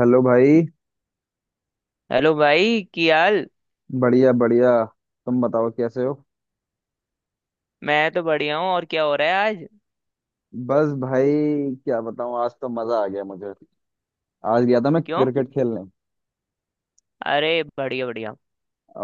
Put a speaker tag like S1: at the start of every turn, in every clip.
S1: Hello भाई।
S2: Hello भाई। की हाल?
S1: बढ़िया बढ़िया। तुम बताओ कैसे हो?
S2: मैं तो बढ़िया हूँ। और क्या हो रहा है आज?
S1: बस भाई, क्या बताऊं, आज तो मजा आ गया मुझे। आज गया था मैं
S2: क्यों?
S1: क्रिकेट खेलने।
S2: अरे बढ़िया बढ़िया।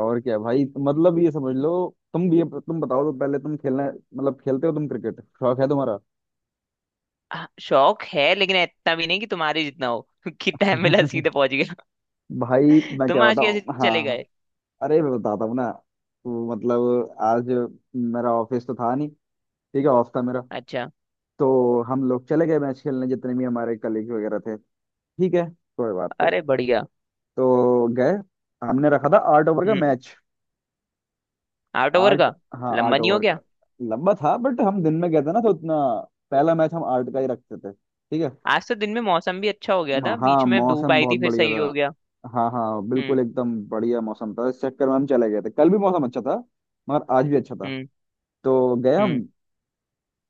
S1: और क्या भाई, मतलब ये समझ लो। तुम बताओ तो पहले, तुम खेलना, मतलब खेलते हो तुम क्रिकेट? शौक है तुम्हारा?
S2: हाँ, शौक है लेकिन इतना भी नहीं कि तुम्हारे जितना हो। कि टाइम मिला सीधे पहुंच गया।
S1: भाई मैं
S2: तुम
S1: क्या
S2: आज कैसे
S1: बताऊं। हाँ
S2: चले
S1: हाँ।
S2: गए?
S1: अरे मैं बताता हूँ ना, तो मतलब आज मेरा ऑफिस तो था नहीं। ठीक है, ऑफ था मेरा।
S2: अच्छा।
S1: तो हम लोग चले गए मैच खेलने, जितने भी हमारे कलीग वगैरह थे। ठीक है, कोई बात नहीं।
S2: अरे बढ़िया।
S1: तो गए, हमने रखा था 8 ओवर का
S2: हम्म।
S1: मैच।
S2: आउट ओवर
S1: आठ।
S2: का?
S1: हाँ
S2: लंबा
S1: आठ
S2: नहीं हो
S1: ओवर का।
S2: गया?
S1: लंबा था बट हम दिन में गए थे ना तो उतना। पहला मैच हम 8 का ही रखते थे। ठीक है।
S2: आज तो दिन में मौसम भी अच्छा हो गया था,
S1: हाँ
S2: बीच में धूप
S1: मौसम
S2: आई
S1: बहुत
S2: थी फिर
S1: बढ़िया
S2: सही
S1: था।
S2: हो गया।
S1: हाँ हाँ,
S2: हम्म।
S1: बिल्कुल एकदम बढ़िया मौसम था, इस चक्कर में हम चले गए थे। कल भी मौसम अच्छा था, मगर आज भी अच्छा था।
S2: हम्म।
S1: तो गए हम।
S2: हम्म।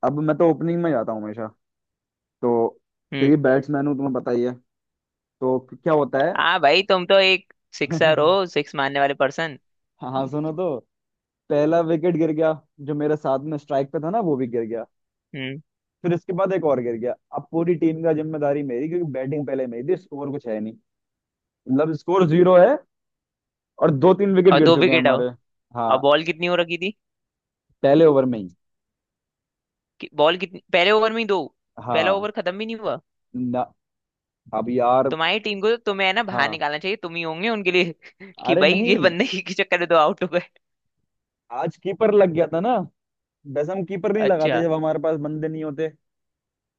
S1: अब मैं तो ओपनिंग में जाता हूँ हमेशा। तो
S2: हम्म।
S1: क्योंकि बैट्समैन हूँ, तुम्हें पता ही है। तो क्या होता है।
S2: हाँ भाई, तुम तो एक सिक्सर हो, सिक्स मारने वाले पर्सन।
S1: हाँ सुनो तो, पहला विकेट गिर गया, जो मेरे साथ में स्ट्राइक पे था ना वो भी गिर गया।
S2: हम्म।
S1: फिर इसके बाद एक और गिर गया। अब पूरी टीम का जिम्मेदारी मेरी, क्योंकि बैटिंग पहले मेरी थी, स्कोर कुछ है नहीं। मतलब स्कोर 0 है, और 2 3 विकेट
S2: और
S1: गिर
S2: दो
S1: चुके हैं
S2: विकेट हो?
S1: हमारे।
S2: और
S1: हाँ।
S2: बॉल कितनी हो रखी थी?
S1: पहले ओवर में ही।
S2: कि बॉल कितनी? पहले ओवर में ही दो? पहला
S1: हाँ।
S2: ओवर खत्म भी नहीं हुआ?
S1: ना, अब यार।
S2: तुम्हारी टीम को तो तुम्हें है ना बाहर
S1: हाँ।
S2: निकालना चाहिए, तुम ही होंगे उनके लिए। कि
S1: अरे
S2: भाई ये
S1: नहीं,
S2: बंदे के चक्कर में तो आउट हो गए।
S1: आज कीपर लग गया था ना। वैसे हम कीपर नहीं लगाते
S2: अच्छा।
S1: जब हमारे पास बंदे नहीं होते।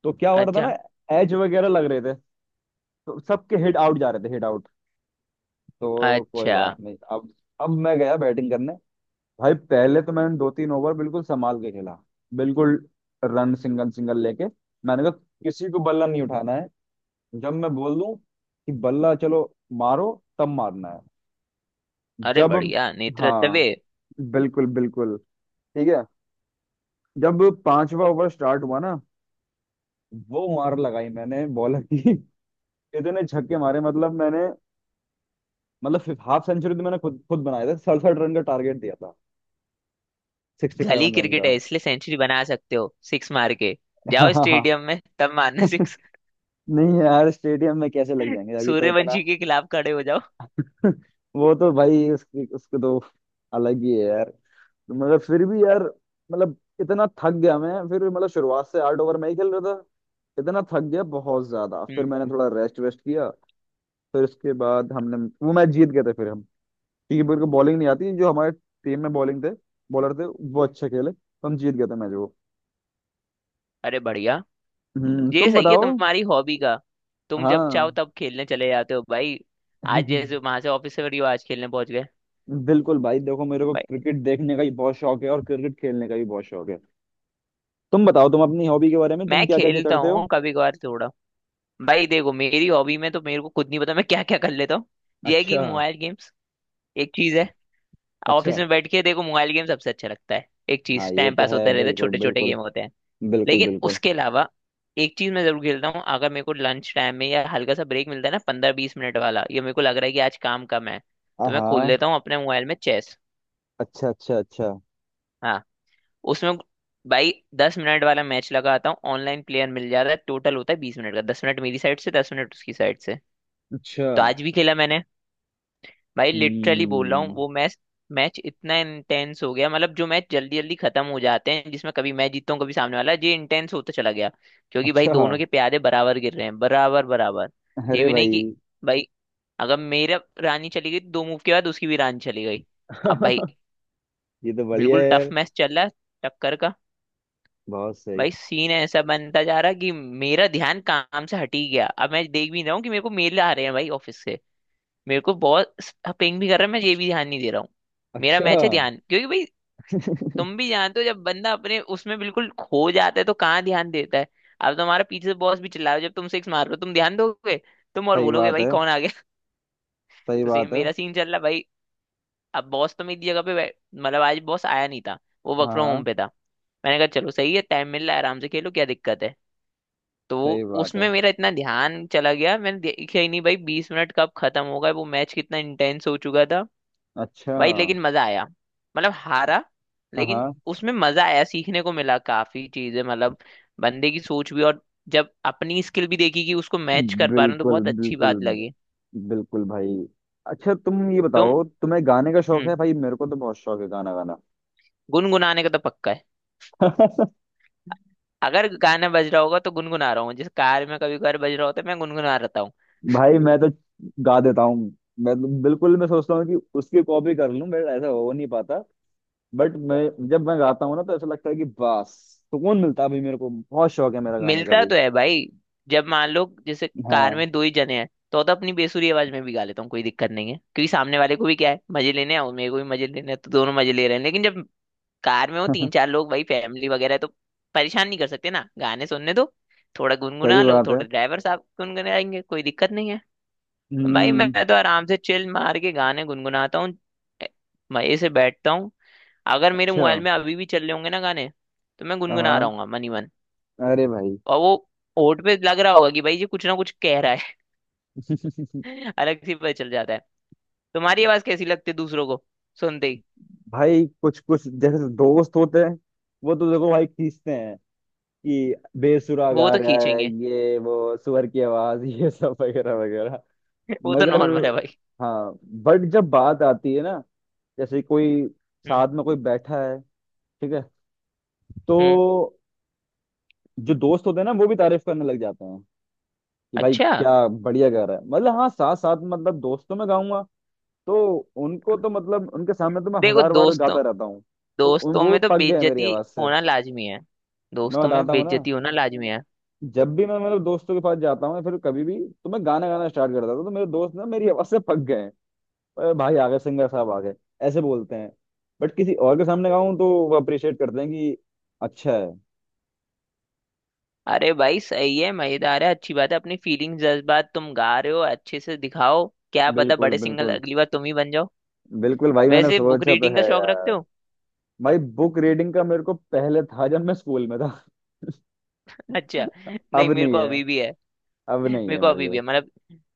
S1: तो क्या हो रहा था
S2: अच्छा।
S1: ना, एज वगैरह लग रहे थे। तो सबके हिट आउट जा रहे थे, हिट आउट। तो कोई
S2: अच्छा।
S1: बात नहीं अब। अब मैं गया बैटिंग करने। भाई पहले तो मैंने 2 3 ओवर बिल्कुल संभाल के खेला, बिल्कुल। रन सिंगल सिंगल लेके। मैंने कहा, किसी को बल्ला नहीं उठाना है, जब मैं बोल दूं कि बल्ला चलो, मारो, तब मारना है।
S2: अरे
S1: जब,
S2: बढ़िया नेत्र तबे।
S1: हाँ, बिल्कुल बिल्कुल, ठीक है। जब 5वां ओवर स्टार्ट हुआ ना, वो मार लगाई मैंने बॉलर की। इतने छक्के मारे मतलब मैंने, मतलब हाफ सेंचुरी तो मैंने खुद खुद बनाया था। 67 रन का टारगेट दिया था, सिक्सटी
S2: गली
S1: सेवन रन
S2: क्रिकेट
S1: का।
S2: है इसलिए सेंचुरी बना सकते हो सिक्स मार के। जाओ स्टेडियम में तब मारना सिक्स।
S1: नहीं यार, स्टेडियम में कैसे लग जाएंगे, अभी तो इतना।
S2: सूर्यवंशी के खिलाफ खड़े हो जाओ।
S1: वो तो भाई उसकी, उसको तो अलग ही है यार। तो मगर फिर भी यार, मतलब इतना थक गया मैं, फिर मतलब शुरुआत से 8 ओवर मैं ही खेल रहा था। इतना थक गया बहुत ज्यादा, फिर
S2: हम्म।
S1: मैंने थोड़ा रेस्ट वेस्ट किया। फिर उसके बाद हमने वो मैच जीत गए थे फिर हम। क्योंकि मेरे को बॉलिंग नहीं आती, जो हमारे टीम में बॉलिंग थे, बॉलर थे, वो अच्छे खेले, तो हम जीत गए थे मैच वो।
S2: अरे बढ़िया।
S1: हम्म,
S2: ये
S1: तुम
S2: सही है
S1: बताओ।
S2: तुम्हारी हॉबी का। तुम जब चाहो
S1: हाँ।
S2: तब खेलने चले जाते हो भाई। आज जैसे वहां से ऑफिस से फ्री हो आज खेलने पहुंच गए।
S1: बिल्कुल भाई, देखो मेरे को
S2: भाई
S1: क्रिकेट देखने का भी बहुत शौक है, और क्रिकेट खेलने का भी बहुत शौक है। तुम बताओ, तुम अपनी हॉबी के बारे में, तुम
S2: मैं
S1: क्या क्या क्या
S2: खेलता
S1: करते हो।
S2: हूँ कभी कभार थोड़ा। भाई देखो मेरी हॉबी में तो मेरे को खुद नहीं पता मैं क्या क्या कर लेता हूँ। ये है कि
S1: अच्छा।
S2: मोबाइल गेम्स एक चीज है। ऑफिस
S1: अच्छा।
S2: में बैठ के देखो मोबाइल गेम सबसे अच्छा लगता है। एक
S1: हाँ
S2: चीज
S1: ये
S2: टाइम
S1: तो
S2: पास
S1: है,
S2: होता रहता है,
S1: बिल्कुल
S2: छोटे छोटे
S1: बिल्कुल।
S2: गेम होते हैं।
S1: बिल्कुल
S2: लेकिन
S1: बिल्कुल।
S2: उसके अलावा एक चीज मैं जरूर खेलता हूँ, अगर मेरे को लंच टाइम में या हल्का सा ब्रेक मिलता है ना, पंद्रह बीस मिनट वाला, ये मेरे को लग रहा है कि आज काम कम है,
S1: हाँ
S2: तो मैं खोल
S1: हाँ।
S2: लेता हूँ अपने मोबाइल में चेस।
S1: अच्छा अच्छा अच्छा।
S2: हाँ, उसमें भाई दस मिनट वाला मैच लगाता हूँ, ऑनलाइन प्लेयर मिल जाता है, टोटल होता है बीस मिनट का, दस मिनट मेरी साइड से दस मिनट उसकी साइड से।
S1: अच्छा।
S2: तो आज भी खेला मैंने। भाई लिटरली बोल रहा हूँ
S1: हम्म।
S2: वो मैच, मैच इतना इंटेंस हो गया, मतलब जो मैच जल्दी जल्दी खत्म हो जाते हैं जिसमें कभी मैं जीतता हूँ कभी सामने वाला, ये इंटेंस होता चला गया। क्योंकि भाई
S1: अच्छा।
S2: दोनों के प्यादे बराबर गिर रहे हैं, बराबर बराबर। ये
S1: अरे
S2: भी नहीं
S1: भाई।
S2: कि भाई अगर मेरा रानी चली गई तो दो मूव के बाद उसकी भी रानी चली गई। अब भाई
S1: ये तो बढ़िया है
S2: बिल्कुल टफ
S1: यार।
S2: मैच चल रहा है, टक्कर का।
S1: बहुत सही।
S2: भाई सीन ऐसा बनता जा रहा कि मेरा ध्यान काम से हट ही गया। अब मैं देख भी रहा हूँ कि मेरे को मेल आ रहे हैं भाई ऑफिस से, मेरे को बहुत पिंग भी कर रहा है, मैं ये भी ध्यान नहीं दे रहा हूँ। मेरा
S1: अच्छा।
S2: मैच है ध्यान, क्योंकि भाई तुम भी जानते हो जब बंदा अपने उसमें बिल्कुल खो जाता है तो कहाँ ध्यान देता है। अब तुम्हारा पीछे से बॉस भी चिल्ला रहा है जब तुम सिक्स मार रहे हो, तुम ध्यान दोगे? तुम और
S1: सही
S2: बोलोगे
S1: बात
S2: भाई
S1: है,
S2: कौन आ गया।
S1: सही
S2: तो सेम
S1: बात है।
S2: मेरा सीन चल रहा है भाई। अब बॉस तो मेरी जगह पे मतलब आज बॉस आया नहीं था, वो
S1: हाँ
S2: वर्क फ्रॉम होम
S1: हाँ।
S2: पे था। मैंने कहा चलो सही है, टाइम मिल रहा है आराम से खेलो, क्या दिक्कत है। तो वो
S1: सही बात है।
S2: उसमें मेरा इतना ध्यान चला गया, मैंने देखा ही नहीं भाई बीस मिनट कब खत्म होगा, वो मैच कितना इंटेंस हो चुका था।
S1: अच्छा।
S2: भाई लेकिन मजा आया। मतलब हारा,
S1: हाँ
S2: लेकिन
S1: हाँ,
S2: उसमें मजा आया, सीखने को मिला काफी चीजें, मतलब बंदे की सोच भी, और जब अपनी स्किल भी देखी कि उसको मैच कर पा रहे हो तो
S1: बिल्कुल
S2: बहुत अच्छी
S1: बिल्कुल।
S2: बात लगी।
S1: बिल्कुल भाई। अच्छा तुम ये
S2: तो
S1: बताओ, तुम्हें गाने का शौक
S2: हम्म,
S1: है? भाई मेरे को तो बहुत शौक है गाना गाना।
S2: गुनगुनाने का तो पक्का है।
S1: भाई
S2: अगर गाना बज रहा होगा तो गुनगुना रहा हूँ, जिस कार में कभी कभार बज रहा होता है मैं गुनगुना रहता।
S1: मैं तो गा देता हूँ। मैं तो बिल्कुल, मैं सोचता हूँ कि उसकी कॉपी कर लूँ, मेरा ऐसा हो नहीं पाता। बट मैं जब मैं गाता हूँ ना, तो ऐसा लगता है कि बस सुकून मिलता है। अभी मेरे को बहुत शौक है मेरा गाने का
S2: मिलता
S1: भी।
S2: तो है भाई। जब मान लो जैसे कार
S1: हाँ।
S2: में दो ही जने हैं तो अपनी बेसुरी आवाज में भी गा लेता हूँ, कोई दिक्कत नहीं है, क्योंकि सामने वाले को भी क्या है मजे लेने हैं और मेरे को भी मजे लेने हैं, तो दोनों मजे ले रहे हैं। लेकिन जब कार में हो तीन चार लोग भाई, फैमिली वगैरह है, तो परेशान नहीं कर सकते ना, गाने सुनने दो। थोड़ा
S1: सही
S2: गुनगुना लो,
S1: बात है।
S2: थोड़ा ड्राइवर साहब गुनगुनाएंगे कोई दिक्कत नहीं है। भाई
S1: हम्म।
S2: मैं तो आराम से चिल मार के गाने गुनगुनाता हूँ। ए, मजे से बैठता हूँ। अगर मेरे
S1: अच्छा।
S2: मोबाइल में अभी भी चल रहे होंगे ना गाने तो मैं गुनगुना रहा
S1: हाँ।
S2: हूँ मनी मन।
S1: अरे भाई।
S2: और वो होंठ पे लग रहा होगा कि भाई ये कुछ ना कुछ कह रहा है। अलग से पता चल जाता है तुम्हारी आवाज कैसी लगती है दूसरों को सुनते ही।
S1: भाई कुछ कुछ, जैसे दोस्त होते हैं, वो तो देखो भाई खींचते हैं, कि बेसुरा
S2: वो
S1: गा
S2: तो
S1: रहा है
S2: खींचेंगे।
S1: ये, वो सुअर की आवाज, ये सब वगैरह वगैरह।
S2: वो तो
S1: मगर।
S2: नॉर्मल है भाई।
S1: हाँ। बट जब बात आती है ना, जैसे कोई
S2: हम्म।
S1: साथ में कोई बैठा है, ठीक है,
S2: हम्म।
S1: तो जो दोस्त होते हैं ना वो भी तारीफ करने लग जाते हैं, कि भाई
S2: अच्छा।
S1: क्या बढ़िया गा रहा है। मतलब हाँ, साथ साथ, मतलब दोस्तों में गाऊंगा। तो उनको तो, मतलब उनके सामने तो मैं
S2: देखो
S1: हजार बार
S2: दोस्तों,
S1: गाता रहता हूँ। तो
S2: दोस्तों
S1: वो
S2: में तो
S1: पक गए हैं मेरी
S2: बेइज्जती
S1: आवाज से।
S2: होना लाजमी है।
S1: मैं
S2: दोस्तों में
S1: बताता हूँ ना,
S2: बेइज्जती होना लाजमी है।
S1: जब भी मैं मतलब दोस्तों के पास जाता हूँ या फिर कभी भी, तो मैं गाना गाना स्टार्ट कर देता हूँ, तो मेरे दोस्त ना मेरी आवाज से पक गए। अरे भाई आ गए सिंगर साहब, आ गए, ऐसे बोलते हैं। बट किसी और के सामने गाऊं तो वो अप्रिशिएट करते हैं, कि अच्छा है।
S2: अरे भाई सही है, मजेदार है, अच्छी बात है। अपनी फीलिंग्स, जज्बात तुम गा रहे हो अच्छे से दिखाओ। क्या पता
S1: बिल्कुल
S2: बड़े सिंगर
S1: बिल्कुल।
S2: अगली बार तुम ही बन जाओ।
S1: बिल्कुल भाई, मैंने
S2: वैसे बुक
S1: सोचा तो
S2: रीडिंग
S1: है
S2: का शौक रखते
S1: यार।
S2: हो?
S1: भाई बुक रीडिंग का मेरे को पहले था, जब मैं स्कूल में था।
S2: अच्छा। नहीं,
S1: अब
S2: मेरे
S1: नहीं
S2: को
S1: है।
S2: अभी भी है।
S1: अब नहीं
S2: मेरे
S1: है
S2: को
S1: मेरे
S2: अभी भी
S1: को।
S2: है। मतलब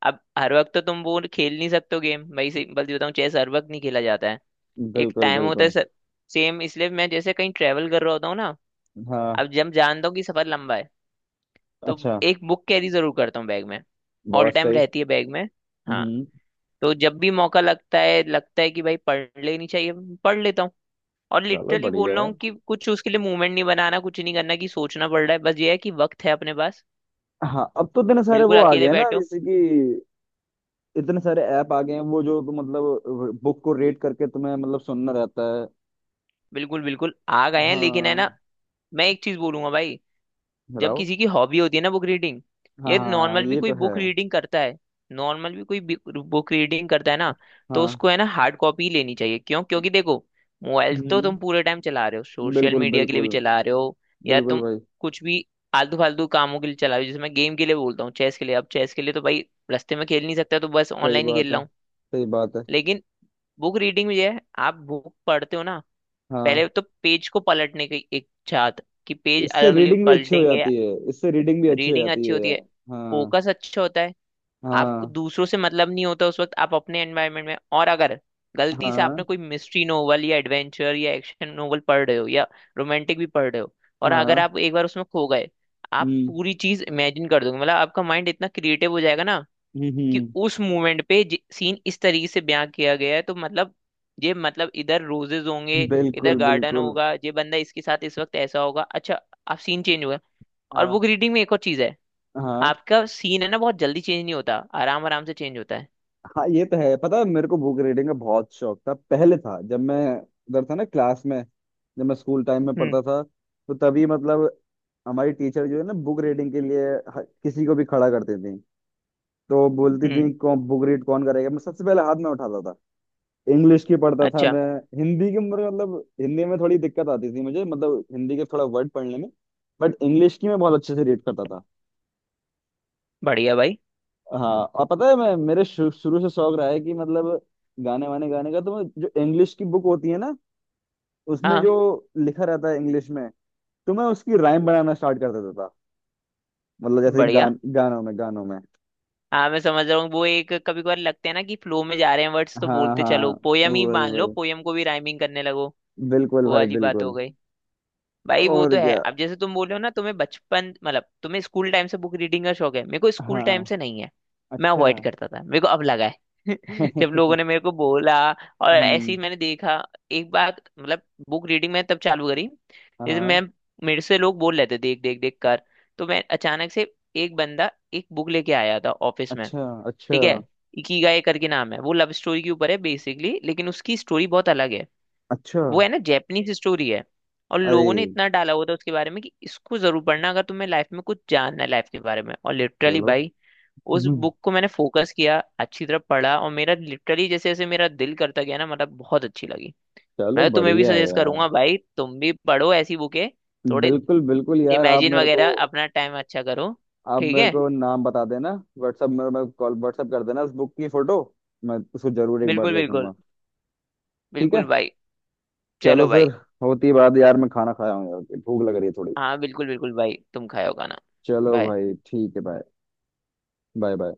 S2: अब हर वक्त तो तुम वो खेल नहीं सकते हो गेम भाई, सिंपल सी बताऊं चेस हर वक्त नहीं खेला जाता है। एक
S1: बिल्कुल
S2: टाइम होता है
S1: बिल्कुल।
S2: सर। सेम इसलिए मैं जैसे कहीं ट्रेवल कर रहा होता हूँ ना,
S1: हाँ।
S2: अब जब जानता हूँ कि सफर लंबा है तो
S1: अच्छा।
S2: एक बुक कैरी जरूर करता हूँ बैग में। ऑल
S1: बहुत
S2: टाइम
S1: सही।
S2: रहती है बैग में। हाँ,
S1: हम्म।
S2: तो जब भी मौका लगता है कि भाई पढ़ लेनी चाहिए, पढ़ लेता हूँ। और
S1: चलो
S2: लिटरली बोल
S1: बढ़िया
S2: रहा
S1: है।
S2: हूँ कि कुछ उसके लिए मूवमेंट नहीं बनाना, कुछ नहीं करना कि सोचना पड़ रहा है, बस ये है कि वक्त है अपने पास।
S1: हाँ अब तो इतने सारे
S2: बिल्कुल
S1: वो आ गए
S2: अकेले
S1: हैं ना,
S2: बैठो।
S1: जैसे कि इतने सारे ऐप आ गए हैं वो, जो तुम मतलब बुक को रेट करके तुम्हें मतलब सुनना रहता है।
S2: बिल्कुल बिल्कुल आ गए हैं लेकिन है
S1: हाँ।
S2: ना। मैं एक चीज बोलूंगा भाई। जब
S1: बताओ।
S2: किसी की हॉबी होती है ना बुक रीडिंग,
S1: हाँ
S2: ये
S1: हाँ,
S2: नॉर्मल भी
S1: ये
S2: कोई
S1: तो है।
S2: बुक रीडिंग करता है, नॉर्मल भी कोई बुक रीडिंग करता है ना, तो
S1: हाँ।
S2: उसको है ना हार्ड कॉपी लेनी चाहिए। क्यों? क्योंकि देखो मोबाइल तो
S1: हम्म।
S2: तुम पूरे टाइम चला रहे हो, सोशल
S1: बिल्कुल
S2: मीडिया के लिए
S1: बिल्कुल।
S2: भी चला रहे हो, या
S1: बिल्कुल
S2: तुम
S1: भाई।
S2: कुछ भी आलतू फालतू कामों के लिए चला रहे हो। जैसे मैं गेम के लिए बोलता हूँ, चेस के लिए। अब चेस के लिए तो भाई रास्ते में खेल नहीं सकता, तो बस
S1: सही
S2: ऑनलाइन ही
S1: बात
S2: खेल
S1: है,
S2: रहा हूँ।
S1: सही बात है।
S2: लेकिन बुक रीडिंग में ये है, आप बुक पढ़ते हो ना, पहले
S1: हाँ।
S2: तो पेज को पलटने की इच्छा कि पेज
S1: इससे
S2: अलग अलग
S1: रीडिंग भी अच्छी हो
S2: पलटेंगे।
S1: जाती है, इससे रीडिंग भी अच्छी हो
S2: रीडिंग
S1: जाती
S2: अच्छी होती
S1: है।
S2: है,
S1: हाँ।
S2: फोकस अच्छा होता है। आपको
S1: हाँ।
S2: दूसरों से मतलब नहीं होता उस वक्त, आप अपने एनवायरनमेंट में। और अगर गलती से
S1: हाँ।
S2: आपने कोई मिस्ट्री नोवेल या एडवेंचर या एक्शन नोवेल पढ़ रहे हो, या रोमांटिक भी पढ़ रहे हो, और अगर
S1: हाँ।
S2: आप एक बार उसमें खो गए, आप
S1: हम्म।
S2: पूरी चीज इमेजिन कर दोगे। मतलब आपका माइंड इतना क्रिएटिव हो जाएगा ना कि
S1: हम्म।
S2: उस मोमेंट पे सीन इस तरीके से बयां किया गया है तो मतलब, ये मतलब इधर रोजेज होंगे, इधर
S1: बिल्कुल
S2: गार्डन
S1: बिल्कुल।
S2: होगा, ये बंदा इसके साथ इस वक्त ऐसा होगा। अच्छा, आप सीन चेंज होगा। और
S1: हाँ।
S2: बुक रीडिंग में एक और चीज है,
S1: हाँ।
S2: आपका सीन है ना बहुत जल्दी चेंज नहीं होता, आराम आराम से चेंज होता है।
S1: हाँ ये तो है, पता है मेरे को बुक रीडिंग का बहुत शौक था पहले, था जब मैं उधर था ना, क्लास में, जब मैं स्कूल टाइम में
S2: हम्म।
S1: पढ़ता था। तो तभी मतलब हमारी टीचर जो है ना बुक रीडिंग के लिए, किसी को भी खड़ा करती थी। तो बोलती
S2: हम्म।
S1: थी कौन बुक रीड कौन करेगा, मैं सबसे पहले हाथ में उठाता था। इंग्लिश की पढ़ता था
S2: अच्छा।
S1: मैं। हिंदी की मेरे मतलब, हिंदी में थोड़ी दिक्कत आती थी मुझे, मतलब हिंदी के थोड़ा वर्ड पढ़ने में। बट इंग्लिश की मैं बहुत अच्छे से रीड करता था।
S2: बढ़िया भाई।
S1: हाँ और पता है मैं, मेरे शुरू से शौक रहा है, कि मतलब गाने वाने गाने का। तो मैं जो इंग्लिश की बुक होती है ना, उसमें
S2: हाँ।
S1: जो लिखा रहता है इंग्लिश में, तो मैं उसकी राइम बनाना स्टार्ट कर देता था। मतलब जैसे
S2: बढ़िया।
S1: गानों में, गानों में।
S2: हाँ मैं समझ रहा हूँ, वो एक कभी कभार लगते हैं ना कि फ्लो में जा रहे हैं वर्ड्स, तो
S1: हाँ
S2: बोलते चलो
S1: हाँ,
S2: पोयम ही
S1: वही
S2: मान लो,
S1: वही,
S2: पोयम को भी राइमिंग करने लगो।
S1: बिल्कुल
S2: वो
S1: भाई
S2: वाली बात हो
S1: बिल्कुल।
S2: गई। भाई वो
S1: और
S2: तो है,
S1: क्या।
S2: अब जैसे तुम बोल रहे हो ना तुम्हें बचपन मतलब तुम्हें स्कूल टाइम से बुक रीडिंग का शौक है, मेरे को स्कूल टाइम
S1: हाँ।
S2: से नहीं है। मैं अवॉइड
S1: अच्छा।
S2: करता था, मेरे को अब लगा है। जब लोगों ने मेरे को बोला और ऐसे
S1: हम्म।
S2: ही मैंने देखा एक बार मतलब बुक रीडिंग मैंने तब चालू करी, जैसे
S1: हाँ।
S2: मैं, मेरे से लोग बोल रहे थे देख देख देख कर। तो मैं अचानक से, एक बंदा एक बुक लेके आया था ऑफिस में।
S1: अच्छा अच्छा
S2: ठीक है, इकिगाई करके नाम है। वो लव स्टोरी के ऊपर है बेसिकली, लेकिन उसकी स्टोरी बहुत अलग है।
S1: अच्छा।
S2: वो है ना जैपनीज स्टोरी है। और
S1: अरे,
S2: लोगों ने इतना डाला हुआ था उसके बारे में कि इसको जरूर पढ़ना अगर तुम्हें लाइफ में कुछ जानना है लाइफ के बारे में। और लिटरली
S1: चलो।
S2: भाई उस
S1: हम्म।
S2: बुक को मैंने फोकस किया, अच्छी तरह पढ़ा, और मेरा लिटरली जैसे जैसे मेरा दिल करता गया ना, मतलब बहुत अच्छी लगी।
S1: चलो
S2: मैं तो तुम्हें भी
S1: बढ़िया है
S2: सजेस्ट
S1: यार।
S2: करूंगा भाई, तुम भी पढ़ो ऐसी बुकें, थोड़े
S1: बिल्कुल बिल्कुल यार। आप
S2: इमेजिन
S1: मेरे को,
S2: वगैरह, अपना टाइम अच्छा करो।
S1: आप
S2: ठीक
S1: मेरे
S2: है।
S1: को नाम बता देना। व्हाट्सएप मेरे में, मैं कॉल, व्हाट्सएप कर देना उस बुक की फोटो, मैं उसको जरूर एक बार
S2: बिल्कुल बिल्कुल।
S1: देखूंगा। ठीक
S2: बिल्कुल
S1: है।
S2: भाई।
S1: चलो
S2: चलो
S1: फिर।
S2: भाई।
S1: होती बात यार, मैं खाना खाया हूँ यार, भूख लग रही है थोड़ी।
S2: हाँ बिल्कुल बिल्कुल भाई, तुम खाओ खाना।
S1: चलो
S2: बाय।
S1: भाई ठीक है, बाय। Bye bye.